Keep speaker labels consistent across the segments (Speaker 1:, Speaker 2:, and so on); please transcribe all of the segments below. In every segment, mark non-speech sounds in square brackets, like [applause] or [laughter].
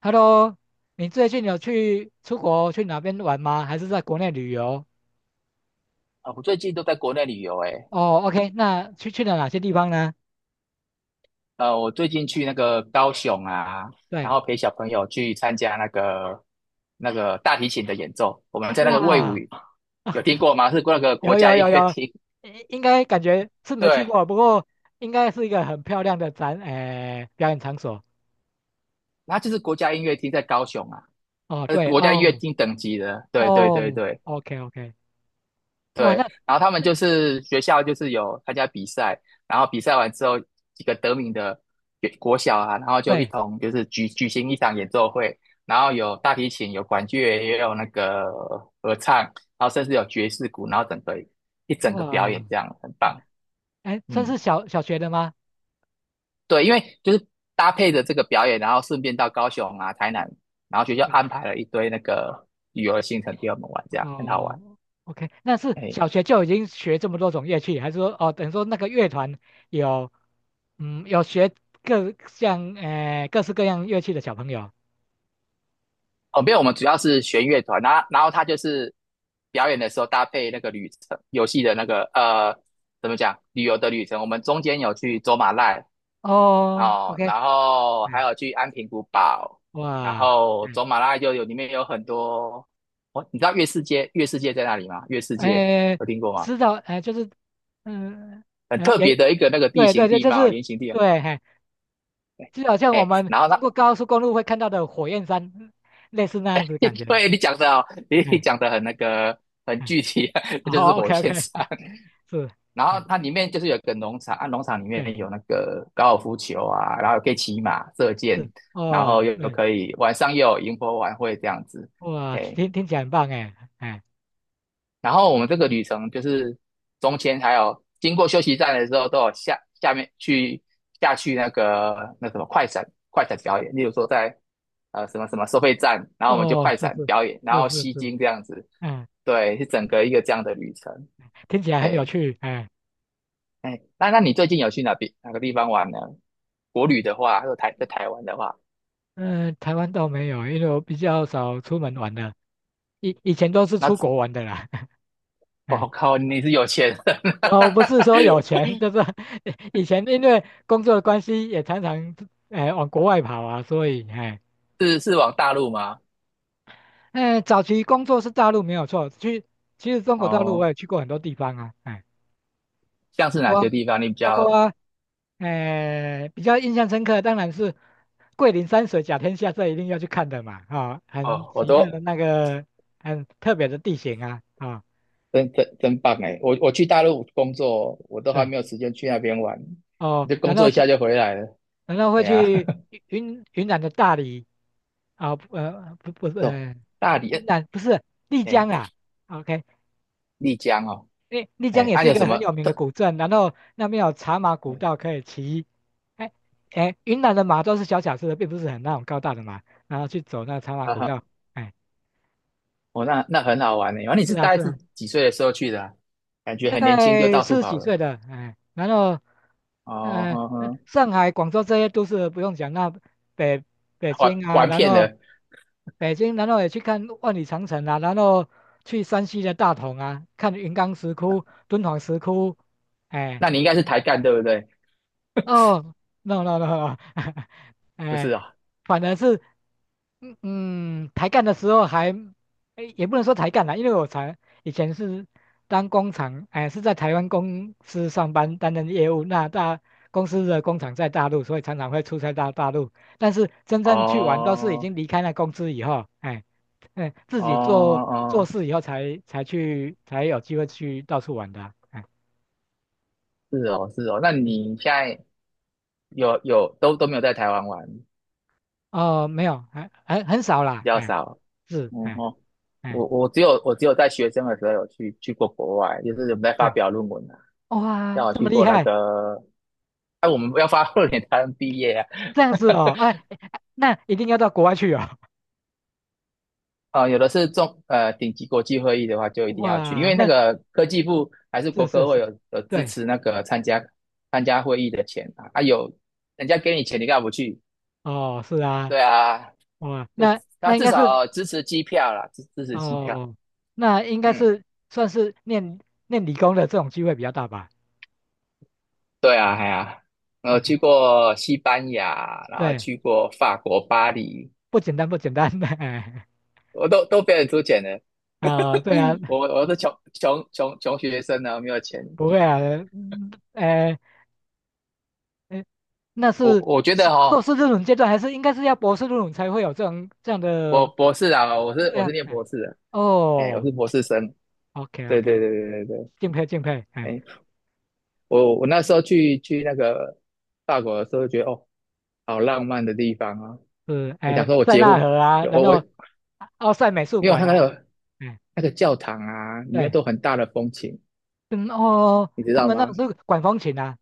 Speaker 1: Hello，你最近有去出国去哪边玩吗？还是在国内旅游？
Speaker 2: 啊，我最近都在国内旅游诶。
Speaker 1: 哦，OK，那去了哪些地方呢？
Speaker 2: 我最近去那个高雄啊，然
Speaker 1: 对，
Speaker 2: 后陪小朋友去参加那个大提琴的演奏，我们在那个魏武，
Speaker 1: 哇，[laughs]
Speaker 2: 有
Speaker 1: 啊，
Speaker 2: 听过吗？是那个国
Speaker 1: 有
Speaker 2: 家
Speaker 1: 有
Speaker 2: 音
Speaker 1: 有
Speaker 2: 乐
Speaker 1: 有，
Speaker 2: 厅。
Speaker 1: 应该感觉是没去
Speaker 2: 对。
Speaker 1: 过，不过应该是一个很漂亮的展，表演场所。
Speaker 2: 然就是国家音乐厅在高雄啊。
Speaker 1: 哦，对，
Speaker 2: 国家音乐
Speaker 1: 哦
Speaker 2: 厅等级的，对对对
Speaker 1: 哦
Speaker 2: 对。
Speaker 1: ，OK OK，哇，
Speaker 2: 对，
Speaker 1: 那
Speaker 2: 然后他们
Speaker 1: 那
Speaker 2: 就是学校就是有参加比赛，然后比赛完之后，几个得名的国小啊，然后就一
Speaker 1: 对，
Speaker 2: 同就是举行一场演奏会，然后有大提琴，有管乐，也有那个合唱，然后甚至有爵士鼓，然后一整个表
Speaker 1: 哇，
Speaker 2: 演这样很棒。
Speaker 1: 哎，算
Speaker 2: 嗯。
Speaker 1: 是小学的吗？
Speaker 2: 对，因为就是搭配着这个表演，然后顺便到高雄啊、台南，然后学校安排了一堆那个旅游的行程给我们玩，这样很好玩。
Speaker 1: 哦，OK，那是
Speaker 2: 哎。
Speaker 1: 小学就已经学这么多种乐器，还是说哦，等于说那个乐团有，嗯，有学各式各样乐器的小朋友？
Speaker 2: 哦，没有，我们主要是弦乐团，然后他就是表演的时候搭配那个旅程，游戏的那个怎么讲，旅游的旅程。我们中间有去走马濑。
Speaker 1: 哦
Speaker 2: 哦，
Speaker 1: ，OK，
Speaker 2: 然后还
Speaker 1: 嗯，
Speaker 2: 有去安平古堡，然
Speaker 1: 哇，
Speaker 2: 后
Speaker 1: 嗯，
Speaker 2: 走马濑就有里面有很多。哦，你知道月世界在哪里吗？月世界
Speaker 1: 哎，
Speaker 2: 有听过吗？
Speaker 1: 知道，哎，就是，嗯，
Speaker 2: 很
Speaker 1: 哎，
Speaker 2: 特
Speaker 1: 也
Speaker 2: 别的一个那个地
Speaker 1: 对对
Speaker 2: 形
Speaker 1: 对，
Speaker 2: 地
Speaker 1: 就
Speaker 2: 貌，
Speaker 1: 是
Speaker 2: 圆形地貌。
Speaker 1: 对，嘿，就好像我
Speaker 2: 哎，
Speaker 1: 们
Speaker 2: 然后呢，
Speaker 1: 经过高速公路会看到的火焰山，类似那样子感觉，
Speaker 2: [laughs] 对你讲的哦，你
Speaker 1: 嗯
Speaker 2: 讲的很那个很
Speaker 1: 嗯，
Speaker 2: 具体。[laughs] 就是
Speaker 1: 哦 o
Speaker 2: 火
Speaker 1: k OK，
Speaker 2: 焰山。
Speaker 1: [laughs] 是，
Speaker 2: 然后
Speaker 1: 哎，
Speaker 2: 它里面就是有一个农场，啊，农场里
Speaker 1: 对。
Speaker 2: 面有那个高尔夫球啊，然后可以骑马、射箭，
Speaker 1: 是
Speaker 2: 然后
Speaker 1: 哦，
Speaker 2: 又
Speaker 1: 对，
Speaker 2: 可以晚上又有萤火晚会这样子。
Speaker 1: 哇，
Speaker 2: 哎，
Speaker 1: 听听起来很棒哎，哎，
Speaker 2: 然后我们这个旅程就是中间还有经过休息站的时候，都有下去那什么快闪表演，例如说在什么什么收费站，然后我们就
Speaker 1: 哦，
Speaker 2: 快
Speaker 1: 是
Speaker 2: 闪
Speaker 1: 是
Speaker 2: 表演，然
Speaker 1: 是
Speaker 2: 后
Speaker 1: 是
Speaker 2: 吸
Speaker 1: 是，
Speaker 2: 睛这样子。
Speaker 1: 嗯，
Speaker 2: 对，是整个一个这样的旅程。
Speaker 1: 听起来很有
Speaker 2: 哎。
Speaker 1: 趣哎，
Speaker 2: 哎，那你最近有去哪边哪个地方玩呢？国旅的话，还有在台湾的话，
Speaker 1: 嗯，台湾倒没有，因为我比较少出门玩的，以前都是出国
Speaker 2: 那
Speaker 1: 玩的啦，[laughs]
Speaker 2: 哦
Speaker 1: 哎，
Speaker 2: 靠，你是有钱人。
Speaker 1: 哦，不是说有
Speaker 2: [laughs]
Speaker 1: 钱，就是 [laughs] 以前因为工作的关系，也常常哎往国外跑啊，所以哎，
Speaker 2: 是往大陆吗？
Speaker 1: 哎，早期工作是大陆没有错，其实中国大陆
Speaker 2: 哦，
Speaker 1: 我也去过很多地方啊，哎，
Speaker 2: 像是哪些地方你比
Speaker 1: 包
Speaker 2: 较？
Speaker 1: 括比较印象深刻，当然是桂林山水甲天下，这一定要去看的嘛，啊、很
Speaker 2: 哦，
Speaker 1: 奇特的那个很特别的地形啊，啊、
Speaker 2: 真棒哎！我去大陆工作，我都还
Speaker 1: 对，
Speaker 2: 没有时间去那边玩，
Speaker 1: 哦，
Speaker 2: 就工
Speaker 1: 然
Speaker 2: 作
Speaker 1: 后
Speaker 2: 一
Speaker 1: 去
Speaker 2: 下就回来了。
Speaker 1: 然后会
Speaker 2: 哎呀。
Speaker 1: 去云南的大理，啊、呃不不是、
Speaker 2: [laughs] 走
Speaker 1: 呃、
Speaker 2: 大
Speaker 1: 云
Speaker 2: 理。
Speaker 1: 南不是丽
Speaker 2: 哎，
Speaker 1: 江啊 o k
Speaker 2: 丽江哦。
Speaker 1: 诶丽江
Speaker 2: 哎，
Speaker 1: 也是
Speaker 2: 你
Speaker 1: 一
Speaker 2: 有什
Speaker 1: 个
Speaker 2: 么
Speaker 1: 很有名的
Speaker 2: 特？
Speaker 1: 古镇，然后那边有茶马古道
Speaker 2: 哎。
Speaker 1: 可以骑。哎哎，云南的马都是小小只的，并不是很那种高大的马，然后去走那茶马
Speaker 2: 啊
Speaker 1: 古道。
Speaker 2: 哈。
Speaker 1: 哎，
Speaker 2: 哦，那那很好玩呢。然后你
Speaker 1: 是
Speaker 2: 是
Speaker 1: 啊
Speaker 2: 大概
Speaker 1: 是
Speaker 2: 是
Speaker 1: 啊，
Speaker 2: 几岁的时候去的啊，感觉
Speaker 1: 大
Speaker 2: 很年轻就
Speaker 1: 概
Speaker 2: 到处
Speaker 1: 四十
Speaker 2: 跑
Speaker 1: 几
Speaker 2: 了。
Speaker 1: 岁的，哎，然后
Speaker 2: 哦，
Speaker 1: 呃，
Speaker 2: 呵呵。
Speaker 1: 上海、广州这些都是不用讲，那北北
Speaker 2: 玩
Speaker 1: 京啊，
Speaker 2: 玩
Speaker 1: 然
Speaker 2: 遍
Speaker 1: 后
Speaker 2: 了。
Speaker 1: 北京，然后也去看万里长城啊，然后去山西的大同啊，看云冈石窟、敦煌石窟，哎。
Speaker 2: 那你应该是台干对不对？
Speaker 1: 哦，no no no [laughs]
Speaker 2: 不是
Speaker 1: 哎，
Speaker 2: 啊。
Speaker 1: 反正是，嗯嗯，抬杠的时候还，哎，也不能说抬杠啦，因为我才以前是当工厂，哎，是在台湾公司上班担任业务，那大公司的工厂在大陆，所以常常会出差到大陆，但是真正去玩都是已
Speaker 2: 哦。
Speaker 1: 经离开那公司以后，哎，哎，自
Speaker 2: 哦
Speaker 1: 己
Speaker 2: 哦
Speaker 1: 做
Speaker 2: 哦，
Speaker 1: 事以后才去有机会去到处玩的啊哎，
Speaker 2: 是哦是哦。那你现在有都没有在台湾玩，
Speaker 1: 哦，没有，还很少
Speaker 2: 比
Speaker 1: 啦，
Speaker 2: 较
Speaker 1: 哎，
Speaker 2: 少。
Speaker 1: 是，
Speaker 2: 嗯
Speaker 1: 哎
Speaker 2: 哼。
Speaker 1: 哎
Speaker 2: 我只有在学生的时候有去过国外，就是我们在发
Speaker 1: 是，
Speaker 2: 表论文啊，
Speaker 1: 哇，
Speaker 2: 像我
Speaker 1: 这
Speaker 2: 去
Speaker 1: 么厉
Speaker 2: 过那
Speaker 1: 害，
Speaker 2: 个，哎、我们要发 [laughs] 2年才能毕业啊。
Speaker 1: 这样子哦，哎，哎哎那一定要到国外去哦，
Speaker 2: 啊，有的是顶级国际会议的话，就一
Speaker 1: [laughs]
Speaker 2: 定要去，因
Speaker 1: 哇，
Speaker 2: 为那
Speaker 1: 那
Speaker 2: 个科技部还是国
Speaker 1: 是是
Speaker 2: 科会
Speaker 1: 是，
Speaker 2: 有支
Speaker 1: 对，
Speaker 2: 持那个参加会议的钱啊，啊有人家给你钱，你干嘛不去？
Speaker 1: 哦，是啊，
Speaker 2: 对啊，
Speaker 1: 哇，
Speaker 2: 就
Speaker 1: 那
Speaker 2: 他
Speaker 1: 那应
Speaker 2: 至
Speaker 1: 该是
Speaker 2: 少支持机票啦，支持机票。
Speaker 1: 哦，那应该
Speaker 2: 嗯。
Speaker 1: 是算是念理工的这种机会比较大吧
Speaker 2: 对啊，哎呀、我去
Speaker 1: ？OK，
Speaker 2: 过西班牙，然后
Speaker 1: 对，
Speaker 2: 去过法国巴黎，
Speaker 1: 不简单不简单的，[laughs] 哎
Speaker 2: 我都被人出钱的。
Speaker 1: 啊、对啊，
Speaker 2: [laughs] 我是穷学生呢，没有钱。
Speaker 1: 不会啊，嗯哎。那
Speaker 2: 我
Speaker 1: 是
Speaker 2: 我觉
Speaker 1: 是
Speaker 2: 得
Speaker 1: 硕
Speaker 2: 哈、
Speaker 1: 士这种阶段，还是应该是要博士这种才会有这种这样
Speaker 2: 博
Speaker 1: 的？
Speaker 2: 博士啊，我是
Speaker 1: 对
Speaker 2: 我是
Speaker 1: 啊，
Speaker 2: 念
Speaker 1: 哎，
Speaker 2: 博士的。哎，我
Speaker 1: 哦
Speaker 2: 是博士生，
Speaker 1: ，OK
Speaker 2: 对对
Speaker 1: OK，
Speaker 2: 对对对对。
Speaker 1: 敬佩敬佩，哎，
Speaker 2: 哎，我那时候去那个法国的时候，觉得哦，好浪漫的地方啊！
Speaker 1: 是
Speaker 2: 哎，想
Speaker 1: 哎
Speaker 2: 说我
Speaker 1: 塞
Speaker 2: 结婚，
Speaker 1: 纳河啊，然
Speaker 2: 我
Speaker 1: 后奥赛美术
Speaker 2: 因为我
Speaker 1: 馆
Speaker 2: 看那
Speaker 1: 啊，
Speaker 2: 个
Speaker 1: 哎
Speaker 2: 那个教堂啊，里面
Speaker 1: 对，
Speaker 2: 都很大的风琴，
Speaker 1: 嗯哦，
Speaker 2: 你知
Speaker 1: 他
Speaker 2: 道
Speaker 1: 们那
Speaker 2: 吗？
Speaker 1: 是管风琴啊，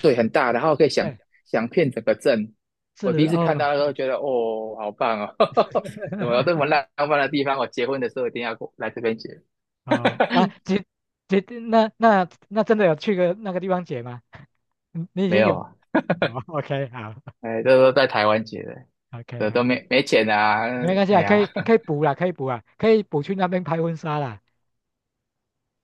Speaker 2: 对，很大，然后可以想
Speaker 1: 对，
Speaker 2: 想遍整个镇。
Speaker 1: 是
Speaker 2: 我第一次看
Speaker 1: 哦，
Speaker 2: 到的时候，
Speaker 1: 嗯，
Speaker 2: 觉得哦，好棒哦。[laughs] 怎么有这么
Speaker 1: [laughs]
Speaker 2: 浪漫的地方？我结婚的时候一定要过来这边结。
Speaker 1: 哦啊，
Speaker 2: [laughs]
Speaker 1: 姐姐，那真的有去个那个地方解吗？你已
Speaker 2: 没
Speaker 1: 经
Speaker 2: 有
Speaker 1: 有
Speaker 2: 啊。
Speaker 1: 哦，OK，好
Speaker 2: 哎，这都在台湾结的，这都
Speaker 1: ，OK。
Speaker 2: 没钱啊。
Speaker 1: 没关系
Speaker 2: 哎
Speaker 1: 啊，可
Speaker 2: 呀。
Speaker 1: 以可以补啦，可以补啊，可以补去那边拍婚纱啦。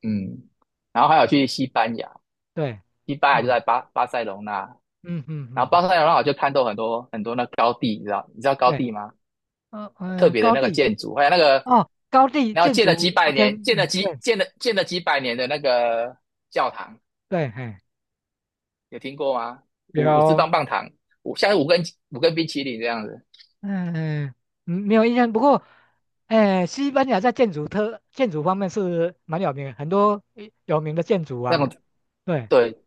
Speaker 2: 嗯，然后还有去西班牙，
Speaker 1: 对，
Speaker 2: 西班牙就
Speaker 1: 嗯
Speaker 2: 在巴塞隆纳，
Speaker 1: 嗯嗯
Speaker 2: 然
Speaker 1: 嗯
Speaker 2: 后巴
Speaker 1: 嗯，
Speaker 2: 塞隆纳我就看到很多很多那高地，你知道高
Speaker 1: 对，
Speaker 2: 地吗？
Speaker 1: 嗯
Speaker 2: 特
Speaker 1: 嗯，
Speaker 2: 别的
Speaker 1: 高
Speaker 2: 那个
Speaker 1: 地
Speaker 2: 建筑，还有那个
Speaker 1: 哦，高地
Speaker 2: 然后
Speaker 1: 建
Speaker 2: 建了几
Speaker 1: 筑
Speaker 2: 百
Speaker 1: ，OK，
Speaker 2: 年，建了
Speaker 1: 嗯，
Speaker 2: 几
Speaker 1: 对
Speaker 2: 建了建了几百年的那个教堂，
Speaker 1: 对，嘿，
Speaker 2: 有听过吗？五只
Speaker 1: 有，
Speaker 2: 棒棒糖，像是五根冰淇淋这样子，
Speaker 1: 嗯嗯，没有印象，不过，哎，西班牙在建筑方面是蛮有名的，很多有名的建筑
Speaker 2: 那种。
Speaker 1: 啊，对，
Speaker 2: 对，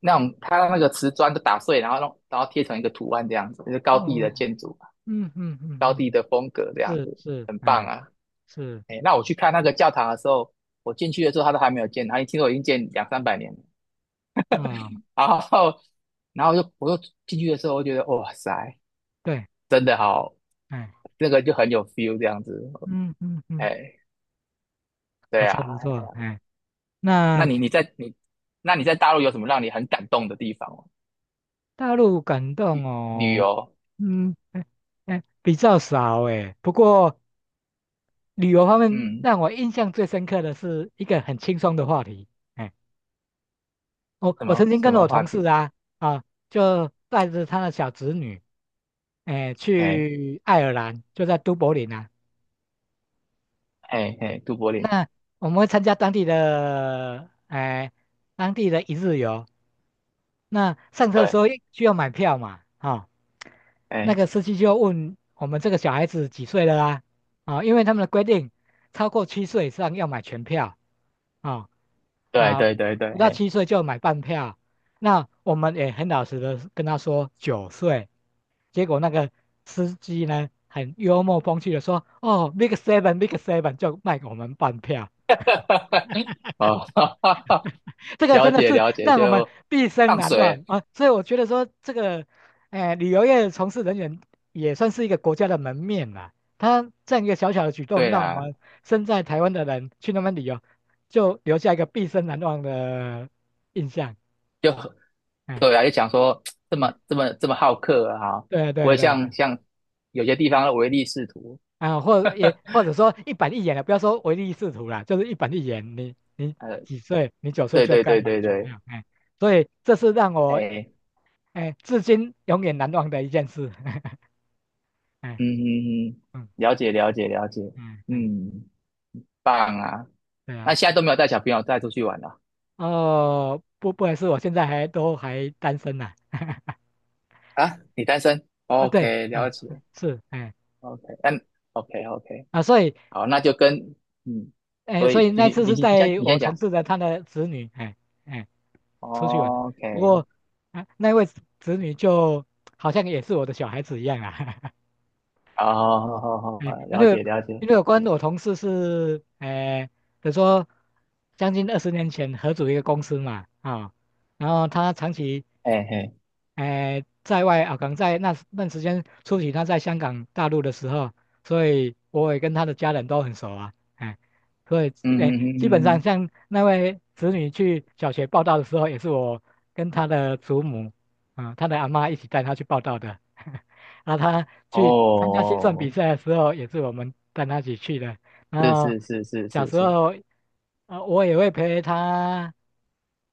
Speaker 2: 那种它那个瓷砖都打碎，然后弄然后贴成一个图案这样子，就是高地
Speaker 1: 嗯
Speaker 2: 的建筑，
Speaker 1: 嗯嗯嗯
Speaker 2: 高
Speaker 1: 嗯，
Speaker 2: 地的风格这样
Speaker 1: 是
Speaker 2: 子，
Speaker 1: 是，
Speaker 2: 很棒
Speaker 1: 哎
Speaker 2: 啊。
Speaker 1: 是
Speaker 2: 哎，那我去看那个教堂的时候，我进去的时候它都还没有建，它听说已经建两三百年了。
Speaker 1: 啊，
Speaker 2: 然后，然后，就我就进去的时候，我觉得哇塞，
Speaker 1: 对，
Speaker 2: 真的好，
Speaker 1: 哎，
Speaker 2: 那个就很有 feel 这样子。
Speaker 1: 嗯嗯嗯，
Speaker 2: 哎。对
Speaker 1: 不错
Speaker 2: 啊，
Speaker 1: 不错，哎。
Speaker 2: 那
Speaker 1: 那
Speaker 2: 你你在你那你在大陆有什么让你很感动的地方吗，
Speaker 1: 大陆感动
Speaker 2: 旅
Speaker 1: 哦，
Speaker 2: 游？
Speaker 1: 嗯，哎哎，比较少哎。不过旅游方面，
Speaker 2: 嗯，
Speaker 1: 让我印象最深刻的是一个很轻松的话题。哎，我
Speaker 2: 什
Speaker 1: 我
Speaker 2: 么
Speaker 1: 曾经
Speaker 2: 什
Speaker 1: 跟
Speaker 2: 么
Speaker 1: 我
Speaker 2: 话
Speaker 1: 同事
Speaker 2: 题？
Speaker 1: 啊啊，就带着他的小侄女，哎，
Speaker 2: 哎
Speaker 1: 去爱尔兰，就在都柏林啊。
Speaker 2: 哎哎。都柏林。
Speaker 1: 那我们会参加当地的哎当地的一日游，那上车的时候
Speaker 2: 对。
Speaker 1: 需要买票嘛？啊、那个
Speaker 2: 哎，
Speaker 1: 司机就问我们这个小孩子几岁了啦，啊、因为他们的规定，超过七岁以上要买全票啊
Speaker 2: 对
Speaker 1: 啊、
Speaker 2: 对对对。
Speaker 1: 不到
Speaker 2: 嘿。
Speaker 1: 七岁就要买半票。那我们也很老实的跟他说九岁，结果那个司机呢很幽默风趣的说：“哦，big seven，big seven 就卖给我们半票。”
Speaker 2: [laughs] 哦。
Speaker 1: 这
Speaker 2: [laughs]
Speaker 1: 个
Speaker 2: 了
Speaker 1: 真的
Speaker 2: 解
Speaker 1: 是
Speaker 2: 了解，
Speaker 1: 让我们
Speaker 2: 就
Speaker 1: 毕生
Speaker 2: 放
Speaker 1: 难忘
Speaker 2: 水，
Speaker 1: 啊！所以我觉得说，这个，旅游业从事人员也算是一个国家的门面啦。他这样一个小小的举动，
Speaker 2: 对
Speaker 1: 让我
Speaker 2: 啦。
Speaker 1: 们身在台湾的人去那边旅游，就留下一个毕生难忘的印象。
Speaker 2: 就
Speaker 1: 哎，
Speaker 2: 对啊，就想说这
Speaker 1: 哎
Speaker 2: 么这么这么好客啊，
Speaker 1: 对
Speaker 2: 不
Speaker 1: 对
Speaker 2: 会
Speaker 1: 对
Speaker 2: 像
Speaker 1: 对，
Speaker 2: 像有些地方的唯利是图。
Speaker 1: 啊，或也或者说一板一眼的，不要说唯利是图啦，就是一板一眼。你你
Speaker 2: 呃，
Speaker 1: 几岁？你九岁
Speaker 2: 对
Speaker 1: 就要
Speaker 2: 对
Speaker 1: 该
Speaker 2: 对
Speaker 1: 买
Speaker 2: 对
Speaker 1: 全票，
Speaker 2: 对。
Speaker 1: 哎，所以这是让我
Speaker 2: 哎。
Speaker 1: 哎至今永远难忘的一件事。[laughs] 哎，
Speaker 2: 嗯嗯嗯。
Speaker 1: 嗯
Speaker 2: 了解了解了解。
Speaker 1: 嗯嗯，
Speaker 2: 嗯。棒啊！
Speaker 1: 对
Speaker 2: 那
Speaker 1: 啊，
Speaker 2: 现在都没有带小朋友带出去玩了
Speaker 1: 哦，不，不好意思，我现在还都还单身呢、[laughs]
Speaker 2: 啊？你单身
Speaker 1: 啊，对，
Speaker 2: ？OK，了
Speaker 1: 啊，嗯
Speaker 2: 解
Speaker 1: 是，哎，
Speaker 2: ，OK。嗯。OK OK。
Speaker 1: 啊，所以，
Speaker 2: 好，那就跟。嗯，
Speaker 1: 哎，
Speaker 2: 所
Speaker 1: 所
Speaker 2: 以
Speaker 1: 以
Speaker 2: 继
Speaker 1: 那
Speaker 2: 续，
Speaker 1: 次
Speaker 2: 你
Speaker 1: 是
Speaker 2: 你
Speaker 1: 带
Speaker 2: 先你
Speaker 1: 我
Speaker 2: 先
Speaker 1: 同
Speaker 2: 讲
Speaker 1: 事的他的子女，哎，哎，出去玩的，不
Speaker 2: ，OK。
Speaker 1: 过，啊，那位子女就好像也是我的小孩子一样啊，
Speaker 2: 好好好
Speaker 1: [laughs]
Speaker 2: 好，好
Speaker 1: 哎，因
Speaker 2: 了
Speaker 1: 为
Speaker 2: 解了解。
Speaker 1: 因为我同事是，哎，比如说将近20年前合组一个公司嘛，啊、然后他长期。
Speaker 2: 哎嘿。
Speaker 1: 哎、在外啊，可能在那段时间初期他在香港、大陆的时候，所以我也跟他的家人都很熟啊，哎，所以
Speaker 2: 嗯嗯
Speaker 1: 哎，基
Speaker 2: 嗯
Speaker 1: 本
Speaker 2: 嗯
Speaker 1: 上
Speaker 2: 嗯。
Speaker 1: 像那位子女去小学报道的时候，也是我跟他的祖母，嗯，他的阿妈一起带他去报道的，[laughs] 然后他
Speaker 2: 哦。
Speaker 1: 去参加心算比
Speaker 2: 哦哦。
Speaker 1: 赛的时候，也是我们带他一起去的，然
Speaker 2: 是
Speaker 1: 后
Speaker 2: 是是是
Speaker 1: 小
Speaker 2: 是
Speaker 1: 时
Speaker 2: 是。
Speaker 1: 候，我也会陪他。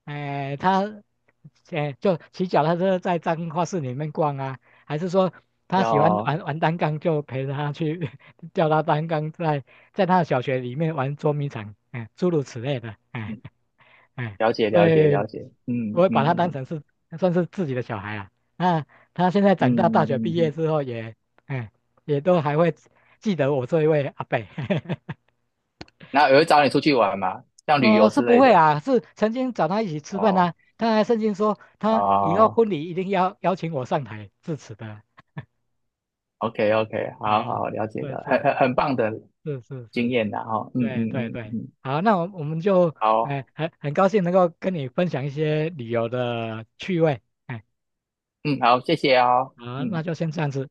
Speaker 1: 哎，他哎，就骑脚踏车在彰化市里面逛啊，还是说他喜欢
Speaker 2: 要。
Speaker 1: 玩单杠，就陪着他去 [laughs] 叫他单杠在在他的小学里面玩捉迷藏，哎，诸如此类的，哎
Speaker 2: 嗯。
Speaker 1: 哎，
Speaker 2: 了解
Speaker 1: 所
Speaker 2: 了解了
Speaker 1: 以
Speaker 2: 解。嗯
Speaker 1: 我会
Speaker 2: 嗯
Speaker 1: 把他当
Speaker 2: 嗯
Speaker 1: 成是算是自己的小孩啊。那他现在
Speaker 2: 嗯
Speaker 1: 长大，大学
Speaker 2: 嗯
Speaker 1: 毕
Speaker 2: 嗯。
Speaker 1: 业
Speaker 2: 嗯，
Speaker 1: 之后也，哎，也都还会记得我这一位阿伯。[laughs]
Speaker 2: 那有人找你出去玩吗？像旅游
Speaker 1: 哦，是
Speaker 2: 之
Speaker 1: 不
Speaker 2: 类
Speaker 1: 会
Speaker 2: 的？
Speaker 1: 啊，是曾经找他一起吃饭
Speaker 2: 哦。
Speaker 1: 啊，他还曾经说他以后
Speaker 2: 哦
Speaker 1: 婚礼一定要邀请我上台致辞的。
Speaker 2: ，OK OK，好
Speaker 1: 嗯，
Speaker 2: 好了解
Speaker 1: 对，
Speaker 2: 的，很
Speaker 1: 是
Speaker 2: 很很棒的
Speaker 1: 是是是，
Speaker 2: 经
Speaker 1: 是
Speaker 2: 验的哈。哦。嗯
Speaker 1: 对
Speaker 2: 嗯
Speaker 1: 对
Speaker 2: 嗯
Speaker 1: 对，
Speaker 2: 嗯。
Speaker 1: 好，那我们就，
Speaker 2: 好。
Speaker 1: 哎、很高兴能够跟你分享一些旅游的趣味，哎，
Speaker 2: 嗯好，谢谢哦。
Speaker 1: 好，那
Speaker 2: 嗯。
Speaker 1: 就先这样子。